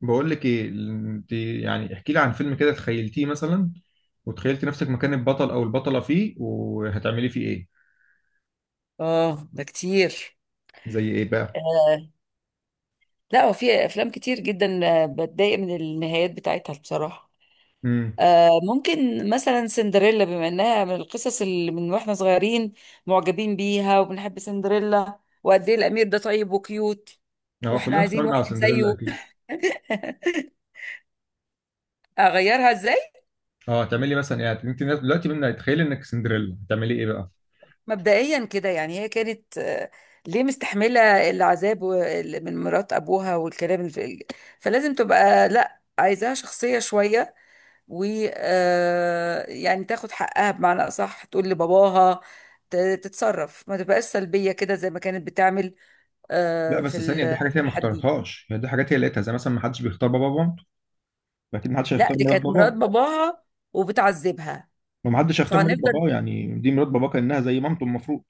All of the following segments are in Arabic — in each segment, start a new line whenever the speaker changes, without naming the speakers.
بقول لك ايه؟ انت يعني احكي لي عن فيلم كده تخيلتيه مثلا، وتخيلتي نفسك مكان البطل او البطلة فيه، وهتعملي فيه ايه؟
اه ده كتير.
زي ايه بقى؟
آه لا، وفي افلام كتير جدا، بتضايق من النهايات بتاعتها بصراحة.
امم.
ممكن مثلا سندريلا، بما انها من القصص اللي من واحنا صغيرين معجبين بيها، وبنحب سندريلا وقد ايه الامير ده طيب وكيوت،
اه،
واحنا
كلنا
عايزين
اتفرجنا على
واحد
سندريلا
زيه.
اكيد.
اغيرها ازاي؟
اه، هتعملي مثلا يعني انت دلوقتي منها، تخيلي انك سندريلا هتعملي ايه بقى؟
مبدئيا كده، يعني هي كانت ليه مستحمله العذاب من مرات ابوها والكلام فلازم تبقى لا، عايزاها شخصيه شويه و يعني تاخد حقها، بمعنى اصح تقول لباباها، ت- تتصرف، ما تبقاش سلبيه كده زي ما كانت بتعمل،
لا بس ثانية، دي حاجات
في
هي ما
الحدود.
اختارتهاش، يعني دي حاجات هي لقيتها، زي مثلا ما حدش بيختار بابا مامته. فاكيد ما حدش
لا،
هيختار
دي
مرات
كانت مرات
باباه.
باباها وبتعذبها،
وما حدش هيختار مرات
فهنفضل.
باباه، يعني دي مرات باباه كأنها زي مامته المفروض.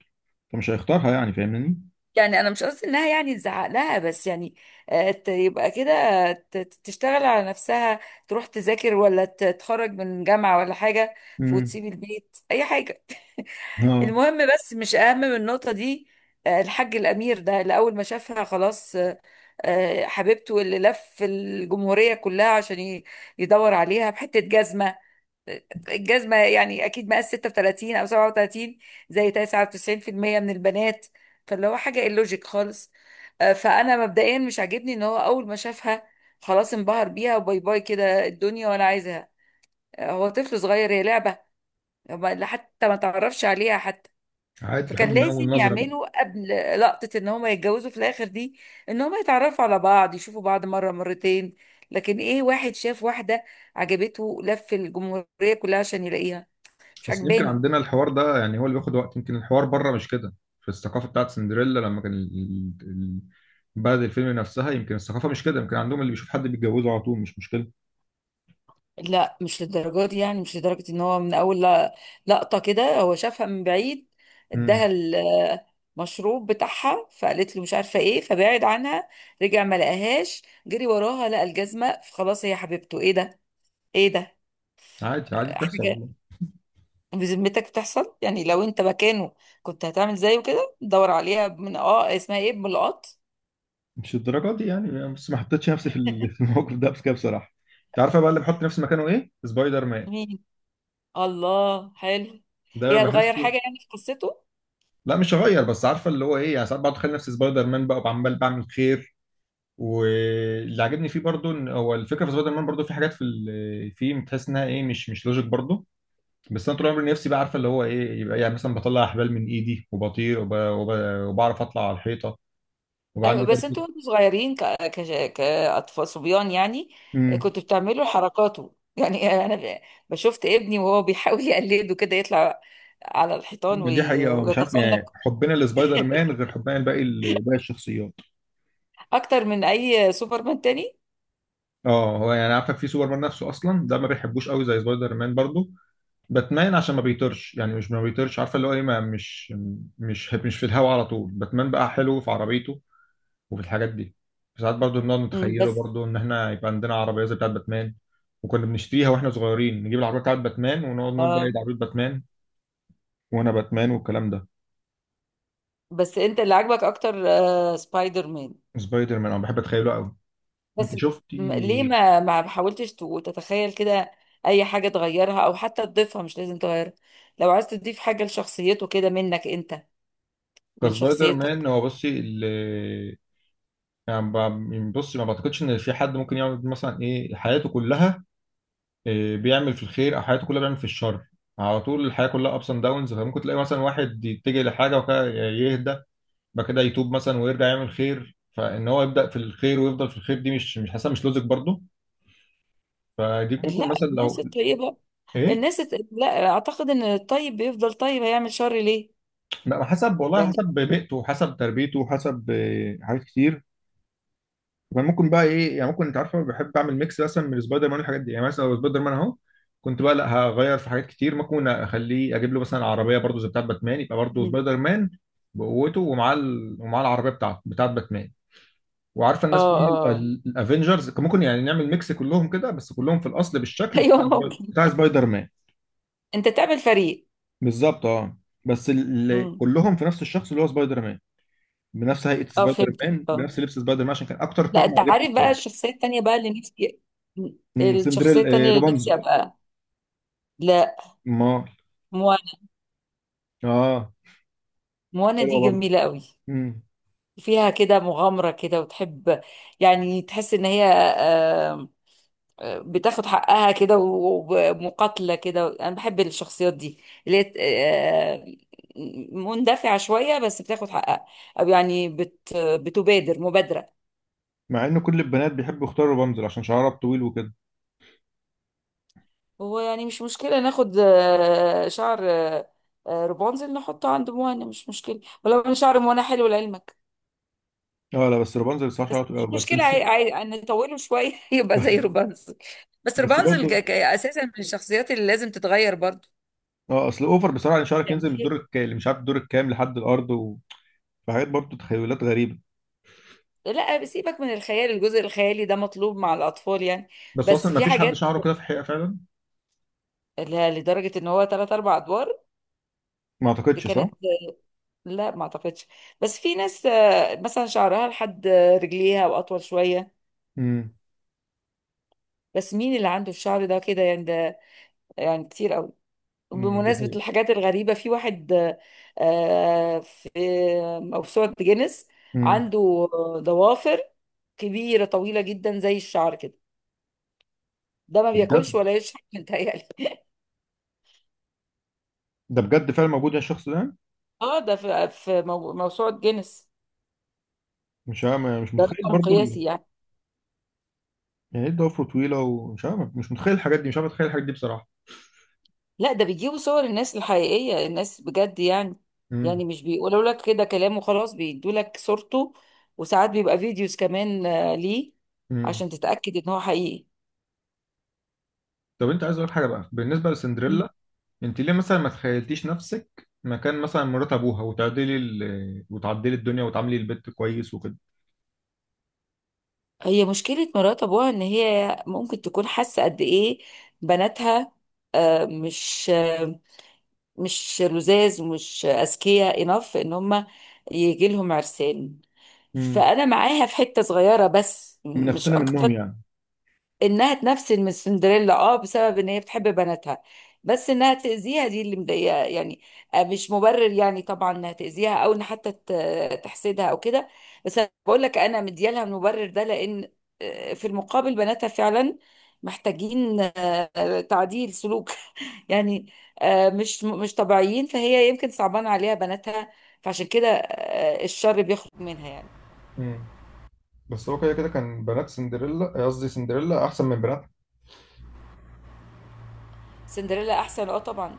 فمش هيختارها، يعني فاهمني.
يعني انا مش قصدي انها يعني تزعق لها، بس يعني يبقى كده تشتغل على نفسها، تروح تذاكر ولا تتخرج من جامعة ولا حاجة،
امم.
وتسيب البيت، اي حاجة.
اه،
المهم، بس مش اهم من النقطة دي. الحاج الامير ده اللي اول ما شافها خلاص، حبيبته، اللي لف الجمهورية كلها عشان يدور عليها بحتة جزمة. الجزمة يعني أكيد مقاس 36 أو 37، زي 99% من البنات، فاللي هو حاجة اللوجيك خالص. فأنا مبدئيا مش عاجبني إن هو أول ما شافها خلاص انبهر بيها وباي باي كده الدنيا وأنا عايزها. هو طفل صغير هي لعبة؟ حتى ما تعرفش عليها حتى.
عادي الحب
فكان
من اول
لازم
نظرة بقى.
يعملوا قبل لقطة إن هما يتجوزوا في الآخر دي، إن هما يتعرفوا على بعض، يشوفوا بعض مرة مرتين. لكن إيه، واحد شاف واحدة عجبته، لف الجمهورية كلها عشان يلاقيها، مش
بس يمكن
عجباني.
عندنا الحوار ده، يعني هو اللي بياخد وقت، يمكن الحوار بره مش كده. في الثقافة بتاعت سندريلا، لما كان بلد الفيلم نفسها، يمكن الثقافة مش كده، يمكن عندهم اللي بيشوف حد بيتجوزه على طول مش مشكلة.
لا، مش للدرجات دي، يعني مش لدرجة ان هو من اول لقطة كده هو شافها من بعيد،
امم.
اداها المشروب بتاعها، فقالت له مش عارفة ايه، فبعد عنها، رجع ما لقاهاش، جري وراها، لقى الجزمة، فخلاص هي حبيبته. ايه ده، ايه ده،
عادي، عادي بتحصل
حاجة!
والله.
بذمتك بتحصل؟ يعني لو انت مكانه كنت هتعمل زيه كده، دور عليها من اسمها ايه، بملقط؟
مش الدرجة دي يعني، بس ما حطيتش نفسي في الموقف ده، بس كده بصراحة. انت عارفة بقى اللي بحط نفسي مكانه ايه؟ سبايدر مان.
مين؟ الله حلو!
ده
ايه، هتغير
بحسه.
حاجة يعني في قصته؟
لا مش هغير، بس عارفة اللي هو ايه يعني، ساعات بقعد اتخيل نفسي سبايدر مان بقى وعمال بعمل خير. واللي عجبني فيه برضو ان هو الفكره في سبايدر مان، برضو في حاجات فيه، بتحس انها ايه، مش لوجيك برضو. بس انا طول عمري نفسي بقى عارفه اللي هو ايه، يبقى يعني مثلا بطلع احبال من ايدي، وبطير وبعرف اطلع على الحيطه. وبقى
ايوه،
عندي
بس انتوا
برضو.
وانتوا صغيرين كاطفال صبيان يعني،
امم
كنتوا بتعملوا حركاته يعني. انا بشوفت ابني وهو بيحاول يقلده كده، يطلع على الحيطان
دي حقيقه. مش عارف يعني
ويتسلق.
حبنا لسبايدر مان غير حبنا لباقي باقي الشخصيات.
اكتر من اي سوبرمان تاني.
اه، هو يعني عارفه في سوبر مان نفسه اصلا ده ما بيحبوش قوي زي سبايدر مان برضو. باتمان عشان ما بيطيرش، يعني مش ما بيطيرش، عارفه اللي هو ايه، ما مش في الهوا على طول. باتمان بقى حلو في عربيته. وفي الحاجات دي. ساعات برضو بنقعد
أمم،
نتخيله
بس.
برضو، ان احنا يبقى عندنا عربيه زي بتاعه باتمان. وكنا بنشتريها واحنا صغيرين، نجيب العربيه بتاعه باتمان، ونقعد نقول بقى ايه
اه.
ده عربيه باتمان. وانا باتمان والكلام ده.
بس انت اللي عاجبك اكتر سبايدر مان؟
سبايدر مان انا بحب اتخيله قوي. انت
بس
شفتي؟
ليه ما حاولتش تتخيل كده اي حاجه تغيرها، او حتى تضيفها، مش لازم تغيرها، لو عايز تضيف حاجه لشخصيته كده منك انت، من
كسبايدر مان
شخصيتك.
هو بصي ال يعني ب- يعني بصي، ما بعتقدش ان في حد ممكن يعمل مثلا ايه حياته كلها. إيه بيعمل في الخير، او حياته كلها بيعمل في الشر. على طول الحياه كلها ابس اند داونز، فممكن تلاقي مثلا واحد يتجه لحاجه وكده يهدى. بعد كده يتوب مثلا ويرجع يعمل خير، فان هو يبدا في الخير ويفضل في الخير دي مش حاسه مش لوجيك برضه. فدي ممكن
لا،
مثلا
الناس
لو
الطيبة،
ايه.
لا اعتقد ان الطيب بيفضل طيب، هيعمل شر ليه؟
لا حسب والله،
يعني.
حسب بيئته وحسب تربيته وحسب حاجات كتير. ممكن بقى ايه، يعني ممكن انت عارفه بحب اعمل ميكس مثلا من سبايدر مان والحاجات دي، يعني مثلا لو سبايدر مان اهو. كنت بقى، لا هغير في حاجات كتير، ممكن اخليه اجيب له مثلا عربيه برضه زي بتاعت باتمان، يبقى برضه
مم.
سبايدر مان بقوته ومعاه ومعاه العربيه بتاعته بتاعت باتمان. وعارفه
اه.
الناس مين؟
اه.
الافنجرز ممكن يعني نعمل ميكس كلهم كده، بس كلهم في الاصل بالشكل
ايوه ممكن،
بتاع سبايدر مان.
انت تعمل فريق.
بالظبط، اه. بس اللي
مم.
كلهم في نفس الشخص اللي هو سبايدر مان. بنفس هيئه
اه،
سبايدر
فهمتك،
مان،
اه.
بنفس لبس سبايدر مان، عشان كان اكتر
لا،
طقم
انت
عجبني
عارف بقى
بصراحه.
الشخصية التانية بقى اللي نفسي، مم. الشخصية
سندريل،
التانية اللي نفسي
روبانزل؟
ابقى، لا،
ما،
موانا.
اه،
موانا دي
حلوه برضه.
جميلة قوي،
امم.
فيها كده مغامرة كده، وتحب، يعني تحس ان هي آه، بتاخد حقها كده، ومقاتلة كده. أنا بحب الشخصيات دي اللي هي آه، مندفعة شوية، بس بتاخد حقها، أو يعني بتبادر مبادرة.
مع ان كل البنات بيحبوا يختاروا روبانزل عشان شعرها طويل وكده.
هو يعني مش مشكلة، ناخد شعر رابنزل، نحطه عند موانا، مش مشكلة، ولو أنا شعر موانا حلو لعلمك.
اه، لا بس روبانزل بصراحه شعرها طويل
مش
أوي، بس
مشكلة،
مش.
نطوله شوية يبقى زي رابنزل. بس
بس
رابنزل
برضه،
أساسا من الشخصيات اللي لازم تتغير برضو
اه، اصل اوفر بصراحه ان شعرك
يعني.
ينزل من الدور اللي مش عارف الدور الكام لحد الارض. فحاجات برضه تخيلات غريبة.
لا، سيبك من الخيال، الجزء الخيالي ده مطلوب مع الأطفال يعني.
بس اصلا
بس
ما
في
فيش حد
حاجات،
شعره كده في الحقيقه فعلا.
لا لدرجة ان هو تلات أربع أدوار،
ما
دي
اعتقدش، صح؟
كانت، لا ما أعتقدش. بس في ناس مثلا شعرها لحد رجليها وأطول شوية،
امم
بس مين اللي عنده الشعر ده كده يعني؟ ده يعني كتير قوي.
دي
بمناسبة
حقيقه.
الحاجات الغريبة، في واحد في موسوعة جينيس
امم
عنده ضوافر كبيرة طويلة جدا زي الشعر كده، ده ما
ده
بياكلش
بجد.
ولا يشرب متهيألي.
ده بجد فعلا موجود يا الشخص ده؟
اه، ده في في موسوعة جينيس،
مش عارف، مش
ده
متخيل
رقم
برضه.
قياسي يعني.
يعني ايه، ضفره طويلة؟ ومش عارف، مش متخيل الحاجات دي، مش عارف اتخيل الحاجات دي بصراحة.
لا، ده بيجيبوا صور الناس الحقيقية، الناس بجد يعني،
امم
يعني مش بيقولوا لك كده كلام وخلاص، بيدوا لك صورته، وساعات بيبقى فيديوز كمان، ليه؟
امم
عشان تتأكد ان هو حقيقي.
طب انت عايز اقول حاجه بقى بالنسبه
مم.
لسندريلا. انت ليه مثلا ما تخيلتيش نفسك مكان مثلا مرات ابوها، وتعدلي وتعدلي الدنيا، وتعاملي البيت كويس وكده؟
هي مشكلة مرات ابوها ان هي ممكن تكون حاسة قد ايه بناتها مش مش لزاز ومش اذكياء، انف ان هم يجي لهم عرسان.
امم
فانا معاها في حته صغيره بس
من
مش
نفسنا منهم
اكتر، انها تنفسن من سندريلا، اه، بسبب ان هي بتحب بناتها. بس انها تاذيها دي اللي مضايقه يعني، مش مبرر يعني طبعا انها تاذيها، او ان حتى تحسدها او كده. بس انا بقول لك انا مديالها المبرر ده، لان في المقابل بناتها فعلا محتاجين تعديل سلوك، يعني مش مش طبيعيين، فهي يمكن صعبان عليها بناتها، فعشان كده الشر بيخرج منها يعني.
يعني. بس هو كده كده كان بنات سندريلا قصدي سندريلا احسن من بناتها.
سندريلا احسن، اه طبعا،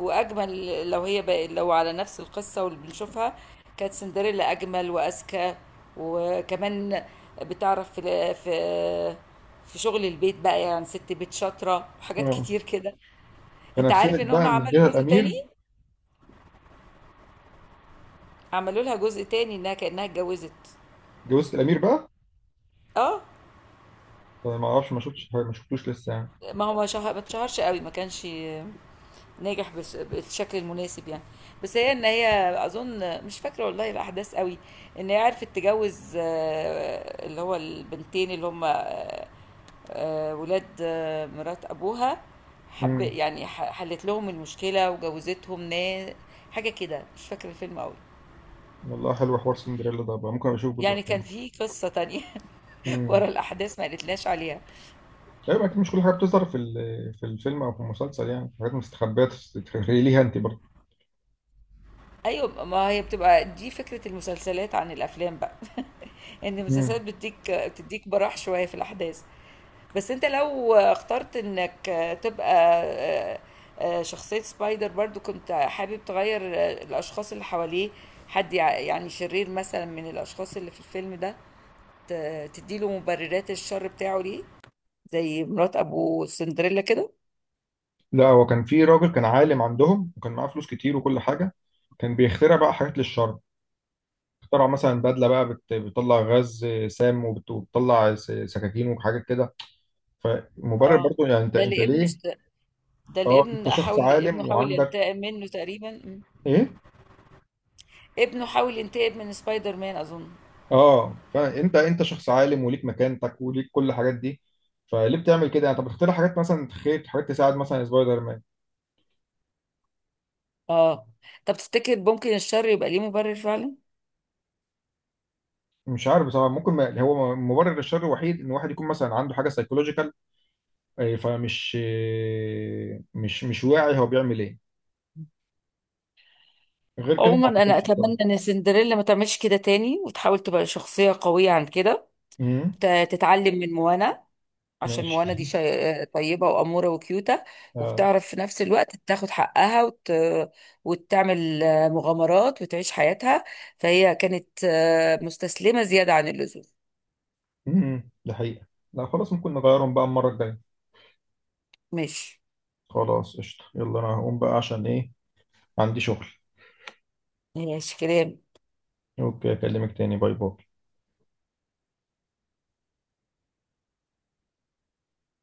واجمل. لو هي بقى لو على نفس القصه، واللي بنشوفها كانت سندريلا اجمل واذكى، وكمان بتعرف في شغل البيت بقى يعني، ست بيت شاطره وحاجات
اه،
كتير كده. انت عارف
فنفسنت
ان هم
بقى من
عملوا
جهه
جزء تاني؟
الامير.
عملوا لها جزء تاني انها كانها اتجوزت.
جوزة الامير بقى؟
اه،
طيب ما اعرفش، ما شفتش، ما شفتوش لسه يعني.
ما هو ما اتشهرش قوي، ما كانش ناجح بالشكل المناسب يعني. بس هي ان هي اظن مش فاكره والله الاحداث قوي، ان هي عرفت تجوز اللي هو البنتين اللي هم ولاد مرات ابوها، حب
امم
يعني، حلت لهم المشكله وجوزتهم ناس، حاجه كده مش فاكره الفيلم قوي.
والله حلو حوار سندريلا ده، بقى ممكن اشوف جزء
يعني
تاني.
كان في قصه تانية ورا
امم.
الاحداث ما قالتلاش عليها.
ايوه اكيد مش كل حاجه بتظهر في الفيلم او في المسلسل، يعني في حاجات مستخبيه. تتخيلي ليها انت برضه.
ايوه، ما هي بتبقى دي فكره المسلسلات عن الافلام بقى ان المسلسلات
امم.
بتديك بتديك براح شويه في الاحداث. بس انت لو اخترت انك تبقى آه، شخصية سبايدر برضو، كنت حابب تغير الأشخاص اللي حواليه؟ حد يعني شرير مثلا من الأشخاص اللي في الفيلم ده، تديله مبررات الشر بتاعه ليه، زي مرات أبو سندريلا كده.
لا، هو كان في راجل كان عالم عندهم وكان معاه فلوس كتير وكل حاجه. كان بيخترع بقى حاجات للشر. اخترع مثلا بدله بقى بتطلع غاز سام، وبتطلع سكاكين وحاجات كده. فمبرر
اه،
برضو، يعني انت
ده
انت
اللي
ليه؟
ده اللي
اه، انت شخص
ابنه
عالم
حاول
وعندك.
ينتقم منه تقريبا، م.
ايه.
ابنه حاول ينتقم من سبايدر مان أظن.
اه، فانت شخص عالم وليك مكانتك وليك كل الحاجات دي. فليه بتعمل كده؟ يعني طب اختار حاجات مثلا، تخيل حاجات تساعد مثلا سبايدر مان.
اه. طب تفتكر ممكن الشر يبقى ليه مبرر فعلا؟
مش عارف بصراحه، ممكن، ما هو مبرر الشر الوحيد ان واحد يكون مثلا عنده حاجه سايكولوجيكال. فمش آه، مش مش واعي هو بيعمل ايه. غير كده ما
عموما انا
اعتقدش بصراحه.
اتمنى ان سندريلا ما تعملش كده تاني، وتحاول تبقى شخصيه قويه عن كده،
امم.
تتعلم من موانا، عشان موانا دي
ماشي.
طيبه واموره وكيوته،
اه.
وبتعرف في نفس الوقت تاخد حقها وتعمل مغامرات وتعيش حياتها، فهي كانت مستسلمه زياده عن اللزوم.
ده حقيقه. لا خلاص، ممكن نغيرهم بقى المره الجايه.
ماشي.
خلاص قشطة، يلا انا هقوم بقى عشان ايه. عندي شغل.
ماشي كده.
اوكي، اكلمك تاني، باي باي.